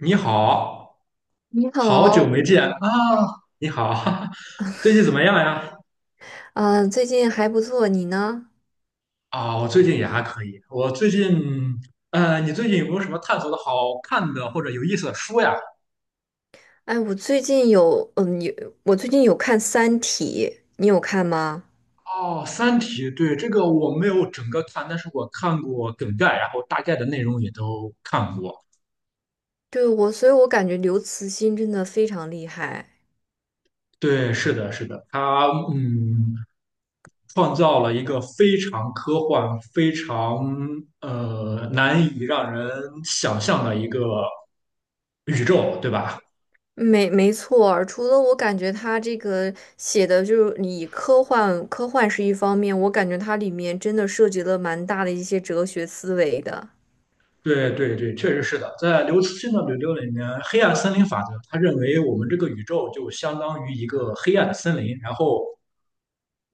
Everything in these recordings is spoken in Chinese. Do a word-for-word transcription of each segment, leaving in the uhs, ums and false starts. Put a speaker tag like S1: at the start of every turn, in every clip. S1: 你好，
S2: 你
S1: 好久
S2: 好。
S1: 没见啊！你好，最近怎么样呀？
S2: 嗯、最近还不错，你呢？
S1: 啊，我最近也还可以。我最近，呃，你最近有没有什么探索的好看的或者有意思的书呀？
S2: 哎，我最近有，嗯，有，我最近有看《三体》，你有看吗？
S1: 哦，《三体》，对，这个我没有整个看，但是我看过梗概，然后大概的内容也都看过。
S2: 对，我，所以我感觉刘慈欣真的非常厉害。
S1: 对，是的，是的，它，嗯。创造了一个非常科幻、非常呃难以让人想象的一个宇宙，对吧？
S2: 没，没错儿，除了我感觉他这个写的就是以科幻，科幻是一方面，我感觉它里面真的涉及了蛮大的一些哲学思维的。
S1: 对对对，确实是的。在刘慈欣的《柳柳》里面，黑暗森林法则，他认为我们这个宇宙就相当于一个黑暗的森林，然后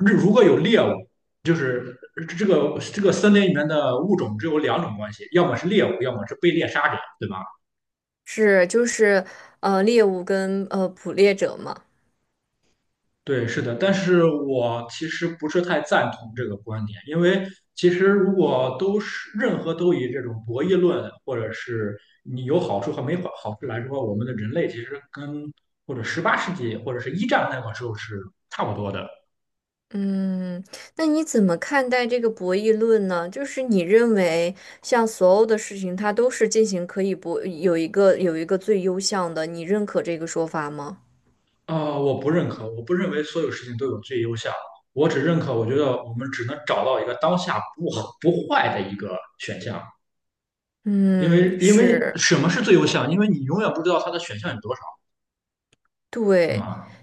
S1: 日如果有猎物，就是这个这个森林里面的物种只有两种关系，要么是猎物，要么是被猎杀者，对吧？
S2: 是，就是，呃，猎物跟呃捕猎者嘛。
S1: 对，是的，但是我其实不是太赞同这个观点，因为其实如果都是任何都以这种博弈论，或者是你有好处和没好好处来说，我们的人类其实跟或者十八世纪或者是一战那个时候是差不多的。
S2: 嗯，那你怎么看待这个博弈论呢？就是你认为，像所有的事情，它都是进行可以博，有一个有一个最优项的，你认可这个说法吗？
S1: 呃，我不认可，我不认为所有事情都有最优项，我只认可，我觉得我们只能找到一个当下不好不坏的一个选项，因为
S2: 嗯，
S1: 因为
S2: 是，
S1: 什么是最优项？因为你永远不知道它的选项有多少，是
S2: 对。
S1: 吗？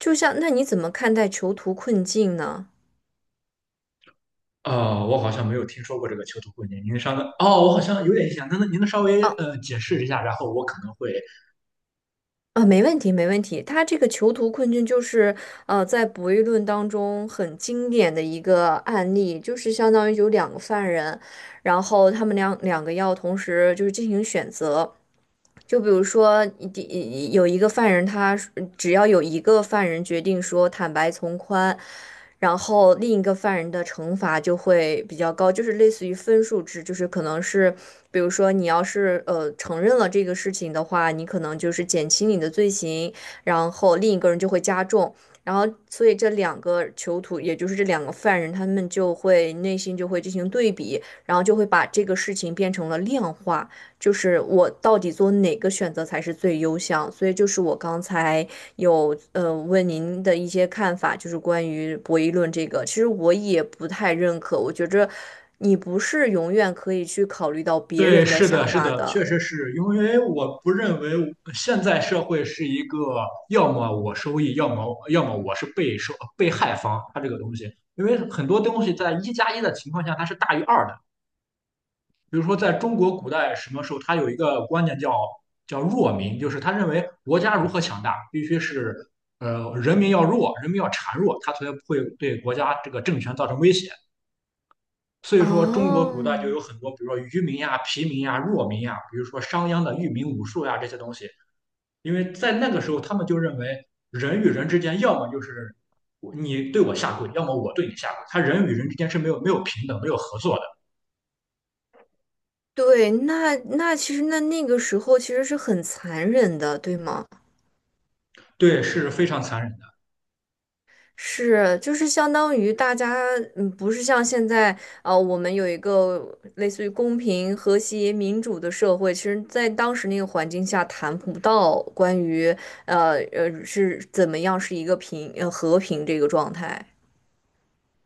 S2: 就像，那你怎么看待囚徒困境呢？
S1: 呃，我好像没有听说过这个囚徒困境。您稍等，哦，我好像有点印象。那那您能稍微
S2: 啊。
S1: 呃解释一下，然后我可能会
S2: 啊，没问题，没问题。他这个囚徒困境就是，呃，在博弈论当中很经典的一个案例，就是相当于有两个犯人，然后他们两两个要同时就是进行选择。就比如说，第有一个犯人他，只要有一个犯人决定说坦白从宽，然后另一个犯人的惩罚就会比较高，就是类似于分数制，就是可能是。比如说，你要是呃承认了这个事情的话，你可能就是减轻你的罪行，然后另一个人就会加重，然后所以这两个囚徒，也就是这两个犯人，他们就会内心就会进行对比，然后就会把这个事情变成了量化，就是我到底做哪个选择才是最优项。所以就是我刚才有呃问您的一些看法，就是关于博弈论这个，其实我也不太认可。我觉着你不是永远可以去考虑到别
S1: 对，
S2: 人的
S1: 是的，
S2: 想
S1: 是
S2: 法
S1: 的，确
S2: 的。
S1: 实是因为我不认为现在社会是一个要么我收益，要么要么我是被受被害方，它这个东西，因为很多东西在一加一的情况下它是大于二的，比如说，在中国古代什么时候，他有一个观念叫叫弱民，就是他认为国家如何强大，必须是呃人民要弱，人民要孱弱，他才会对国家这个政权造成威胁。所以说，中国
S2: 哦，
S1: 古代就有很多，比如说愚民呀、疲民呀、弱民呀，比如说商鞅的御民武术呀这些东西，因为在那个时候，他们就认为人与人之间，要么就是你对我下跪，要么我对你下跪，他人与人之间是没有没有平等、没有合作的，
S2: 对，那那其实那那个时候其实是很残忍的，对吗？
S1: 对，是非常残忍的。
S2: 是，就是相当于大家，嗯，不是像现在，呃，我们有一个类似于公平、和谐、民主的社会。其实在当时那个环境下，谈不到关于，呃呃，是怎么样是一个平，呃，和平这个状态。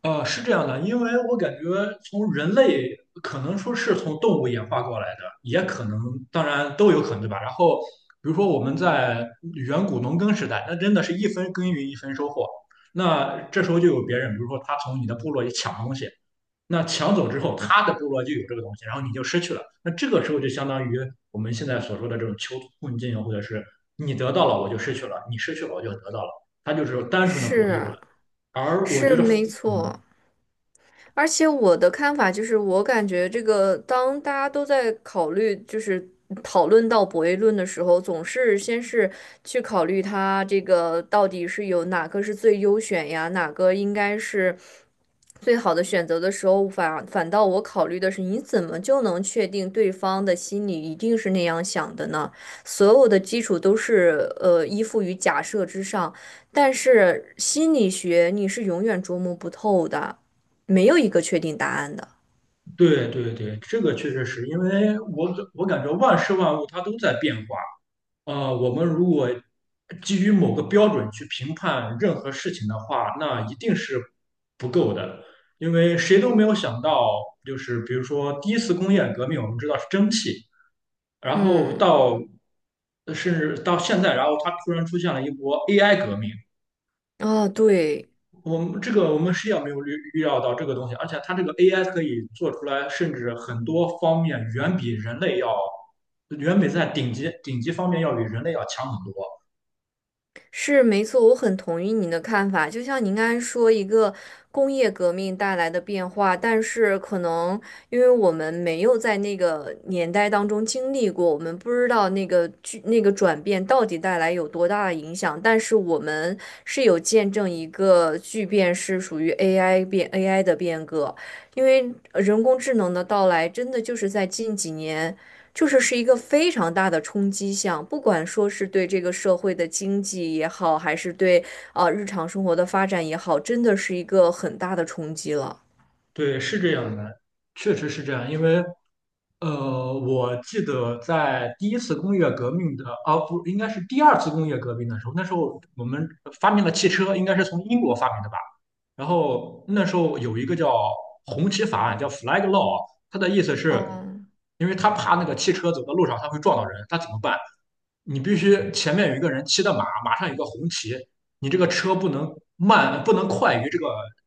S1: 呃，是这样的，因为我感觉从人类可能说是从动物演化过来的，也可能，当然都有可能，对吧？然后，比如说我们在远古农耕时代，那真的是一分耕耘一分收获。那这时候就有别人，比如说他从你的部落里抢东西，那抢走之后，他的部落就有这个东西，然后你就失去了。那这个时候就相当于我们现在所说的这种囚徒困境，或者是你得到了我就失去了，你失去了我就得到了，它就是单纯的博弈论。
S2: 是，
S1: 而我
S2: 是
S1: 觉得，
S2: 没
S1: 嗯，
S2: 错。而且我的看法就是，我感觉这个当大家都在考虑，就是讨论到博弈论的时候，总是先是去考虑它这个到底是有哪个是最优选呀，哪个应该是最好的选择的时候，反反倒我考虑的是，你怎么就能确定对方的心里一定是那样想的呢？所有的基础都是呃依附于假设之上，但是心理学你是永远琢磨不透的。没有一个确定答案的。
S1: 对对对，这个确实是因为我感我感觉万事万物它都在变化。呃，我们如果基于某个标准去评判任何事情的话，那一定是不够的，因为谁都没有想到，就是比如说第一次工业革命，我们知道是蒸汽，然后
S2: 嗯，
S1: 到呃甚至到现在，然后它突然出现了一波 A I 革命，
S2: 啊，对，
S1: 我们这个我们是要没有预预料到这个东西，而且它这个 A I 可以做出来，甚至很多方面远比人类要，远比在顶级顶级方面要比人类要强很多。
S2: 是没错，我很同意你的看法。就像您刚才说，一个工业革命带来的变化，但是可能因为我们没有在那个年代当中经历过，我们不知道那个巨那个转变到底带来有多大的影响。但是我们是有见证一个巨变，是属于 A I 变 A I 的变革，因为呃人工智能的到来，真的就是在近几年。就是是一个非常大的冲击项，不管说是对这个社会的经济也好，还是对啊、日常生活的发展也好，真的是一个很大的冲击了。
S1: 对，是这样的，确实是这样，因为呃，我记得在第一次工业革命的，啊，不，应该是第二次工业革命的时候，那时候我们发明了汽车，应该是从英国发明的吧。然后那时候有一个叫红旗法案，叫 Flag Law,它的意思是，
S2: 嗯，
S1: 因为他怕那个汽车走到路上它会撞到人，他怎么办？你必须前面有一个人骑的马，马上有个红旗，你这个车不能慢，不能快于这个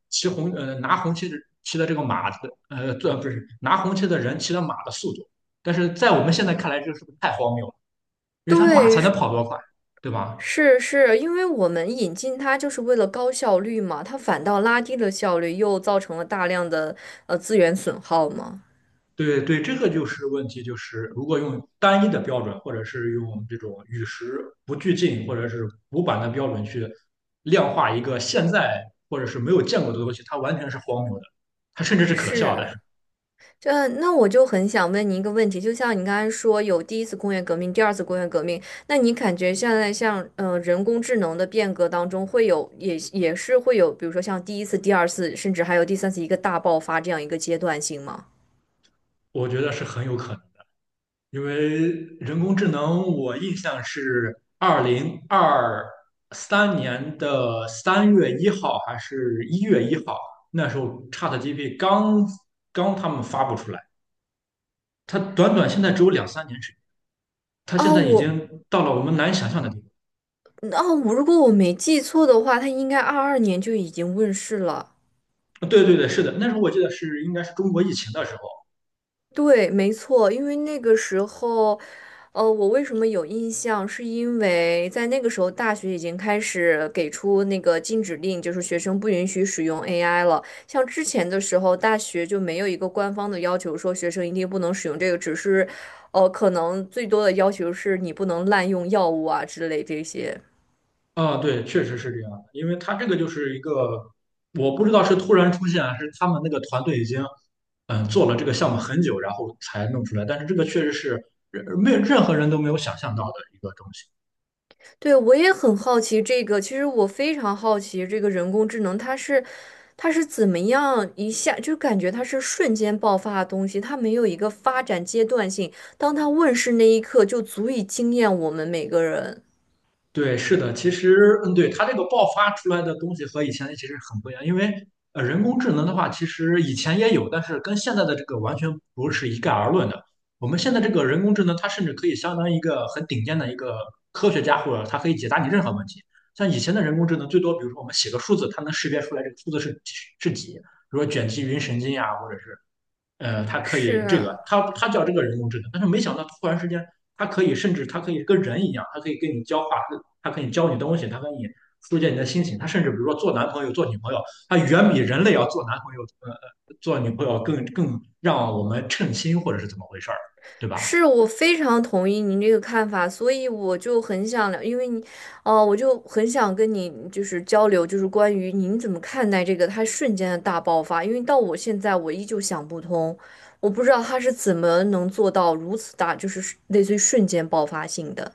S1: 骑红呃拿红旗的骑的这个马的呃，这不是拿红旗的人骑的马的速度。但是在我们现在看来，这个是不是太荒谬了？因为他马
S2: 对，
S1: 才能
S2: 是
S1: 跑多快，对吧？
S2: 是是，因为我们引进它就是为了高效率嘛，它反倒拉低了效率，又造成了大量的呃资源损耗嘛。
S1: 对对，这个就是问题，就是如果用单一的标准，或者是用这种与时不俱进，或者是古板的标准去量化一个现在或者是没有见过的东西，它完全是荒谬的，它甚至是可笑的。
S2: 是。这那我就很想问您一个问题，就像你刚才说有第一次工业革命、第二次工业革命，那你感觉现在像嗯、呃人工智能的变革当中，会有也也是会有，比如说像第一次、第二次，甚至还有第三次一个大爆发这样一个阶段性吗？
S1: 我觉得是很有可能。因为人工智能，我印象是二零二三年的三月一号还是一月一号，那时候 ChatGPT 刚刚他们发布出来，它短短现在只有两三年时间，它现
S2: 哦，
S1: 在已
S2: 我
S1: 经到了我们难以想象的地
S2: 哦，我如果我没记错的话，它应该二二年就已经问世了。
S1: 步。对对对，是的，那时候我记得是应该是中国疫情的时候，
S2: 对，没错，因为那个时候，呃，我为什么有印象，是因为在那个时候，大学已经开始给出那个禁止令，就是学生不允许使用 A I 了。像之前的时候，大学就没有一个官方的要求说学生一定不能使用这个，只是，呃，可能最多的要求是你不能滥用药物啊之类这些。
S1: 啊，对，确实是这样的，因为他这个就是一个，我不知道是突然出现，还是他们那个团队已经嗯、呃做了这个项目很久，然后才弄出来，但是这个确实是呃没有任何人都没有想象到的一个东西。
S2: 对，我也很好奇这个。其实我非常好奇这个人工智能，它是它是怎么样一下就感觉它是瞬间爆发的东西，它没有一个发展阶段性。当它问世那一刻，就足以惊艳我们每个人。
S1: 对，是的，其实，嗯，对，它这个爆发出来的东西和以前其实很不一样，因为呃，人工智能的话，其实以前也有，但是跟现在的这个完全不是一概而论的。我们现在这个人工智能，它甚至可以相当于一个很顶尖的一个科学家，或者它可以解答你任何问题。像以前的人工智能，最多比如说我们写个数字，它能识别出来这个数字是是几，比如说卷积云神经呀、或者是呃，他可
S2: 是
S1: 以这个，
S2: 啊。
S1: 他他叫这个人工智能，但是没想到突然之间，他可以甚至他可以跟人一样，他可以跟你交话，他可以教你东西，他跟你疏解你的心情，他甚至比如说做男朋友、做女朋友，他远比人类要做男朋友、呃做女朋友更更让我们称心或者是怎么回事儿，对吧？
S2: 是，我非常同意您这个看法。所以我就很想聊，因为你，哦、我就很想跟你就是交流，就是关于您怎么看待这个他瞬间的大爆发。因为到我现在我依旧想不通，我不知道他是怎么能做到如此大，就是类似于瞬间爆发性的。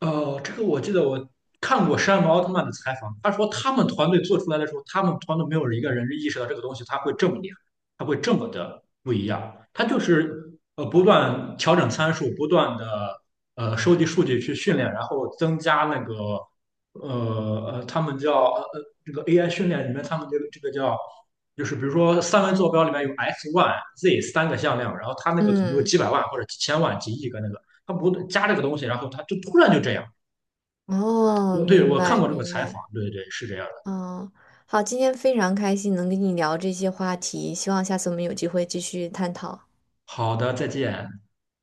S1: 呃，这个我记得我看过山姆奥特曼的采访，他说他们团队做出来的时候，他们团队没有一个人意识到这个东西它会这么厉害，它会这么的不一样。他就是呃不断调整参数，不断的呃收集数据去训练，然后增加那个呃呃他们叫呃呃这个 A I 训练里面他们这个这个叫就是比如说三维坐标里面有 x、y、z 三个向量，然后它那个可能有
S2: 嗯，
S1: 几百万或者几千万、几亿个那个。他不加这个东西，然后他就突然就这样。
S2: 哦，
S1: 我对
S2: 明
S1: 我看
S2: 白
S1: 过这个
S2: 明
S1: 采访，
S2: 白。
S1: 对对是这样的。
S2: 嗯，好，今天非常开心能跟你聊这些话题，希望下次我们有机会继续探讨。
S1: 好的，再见。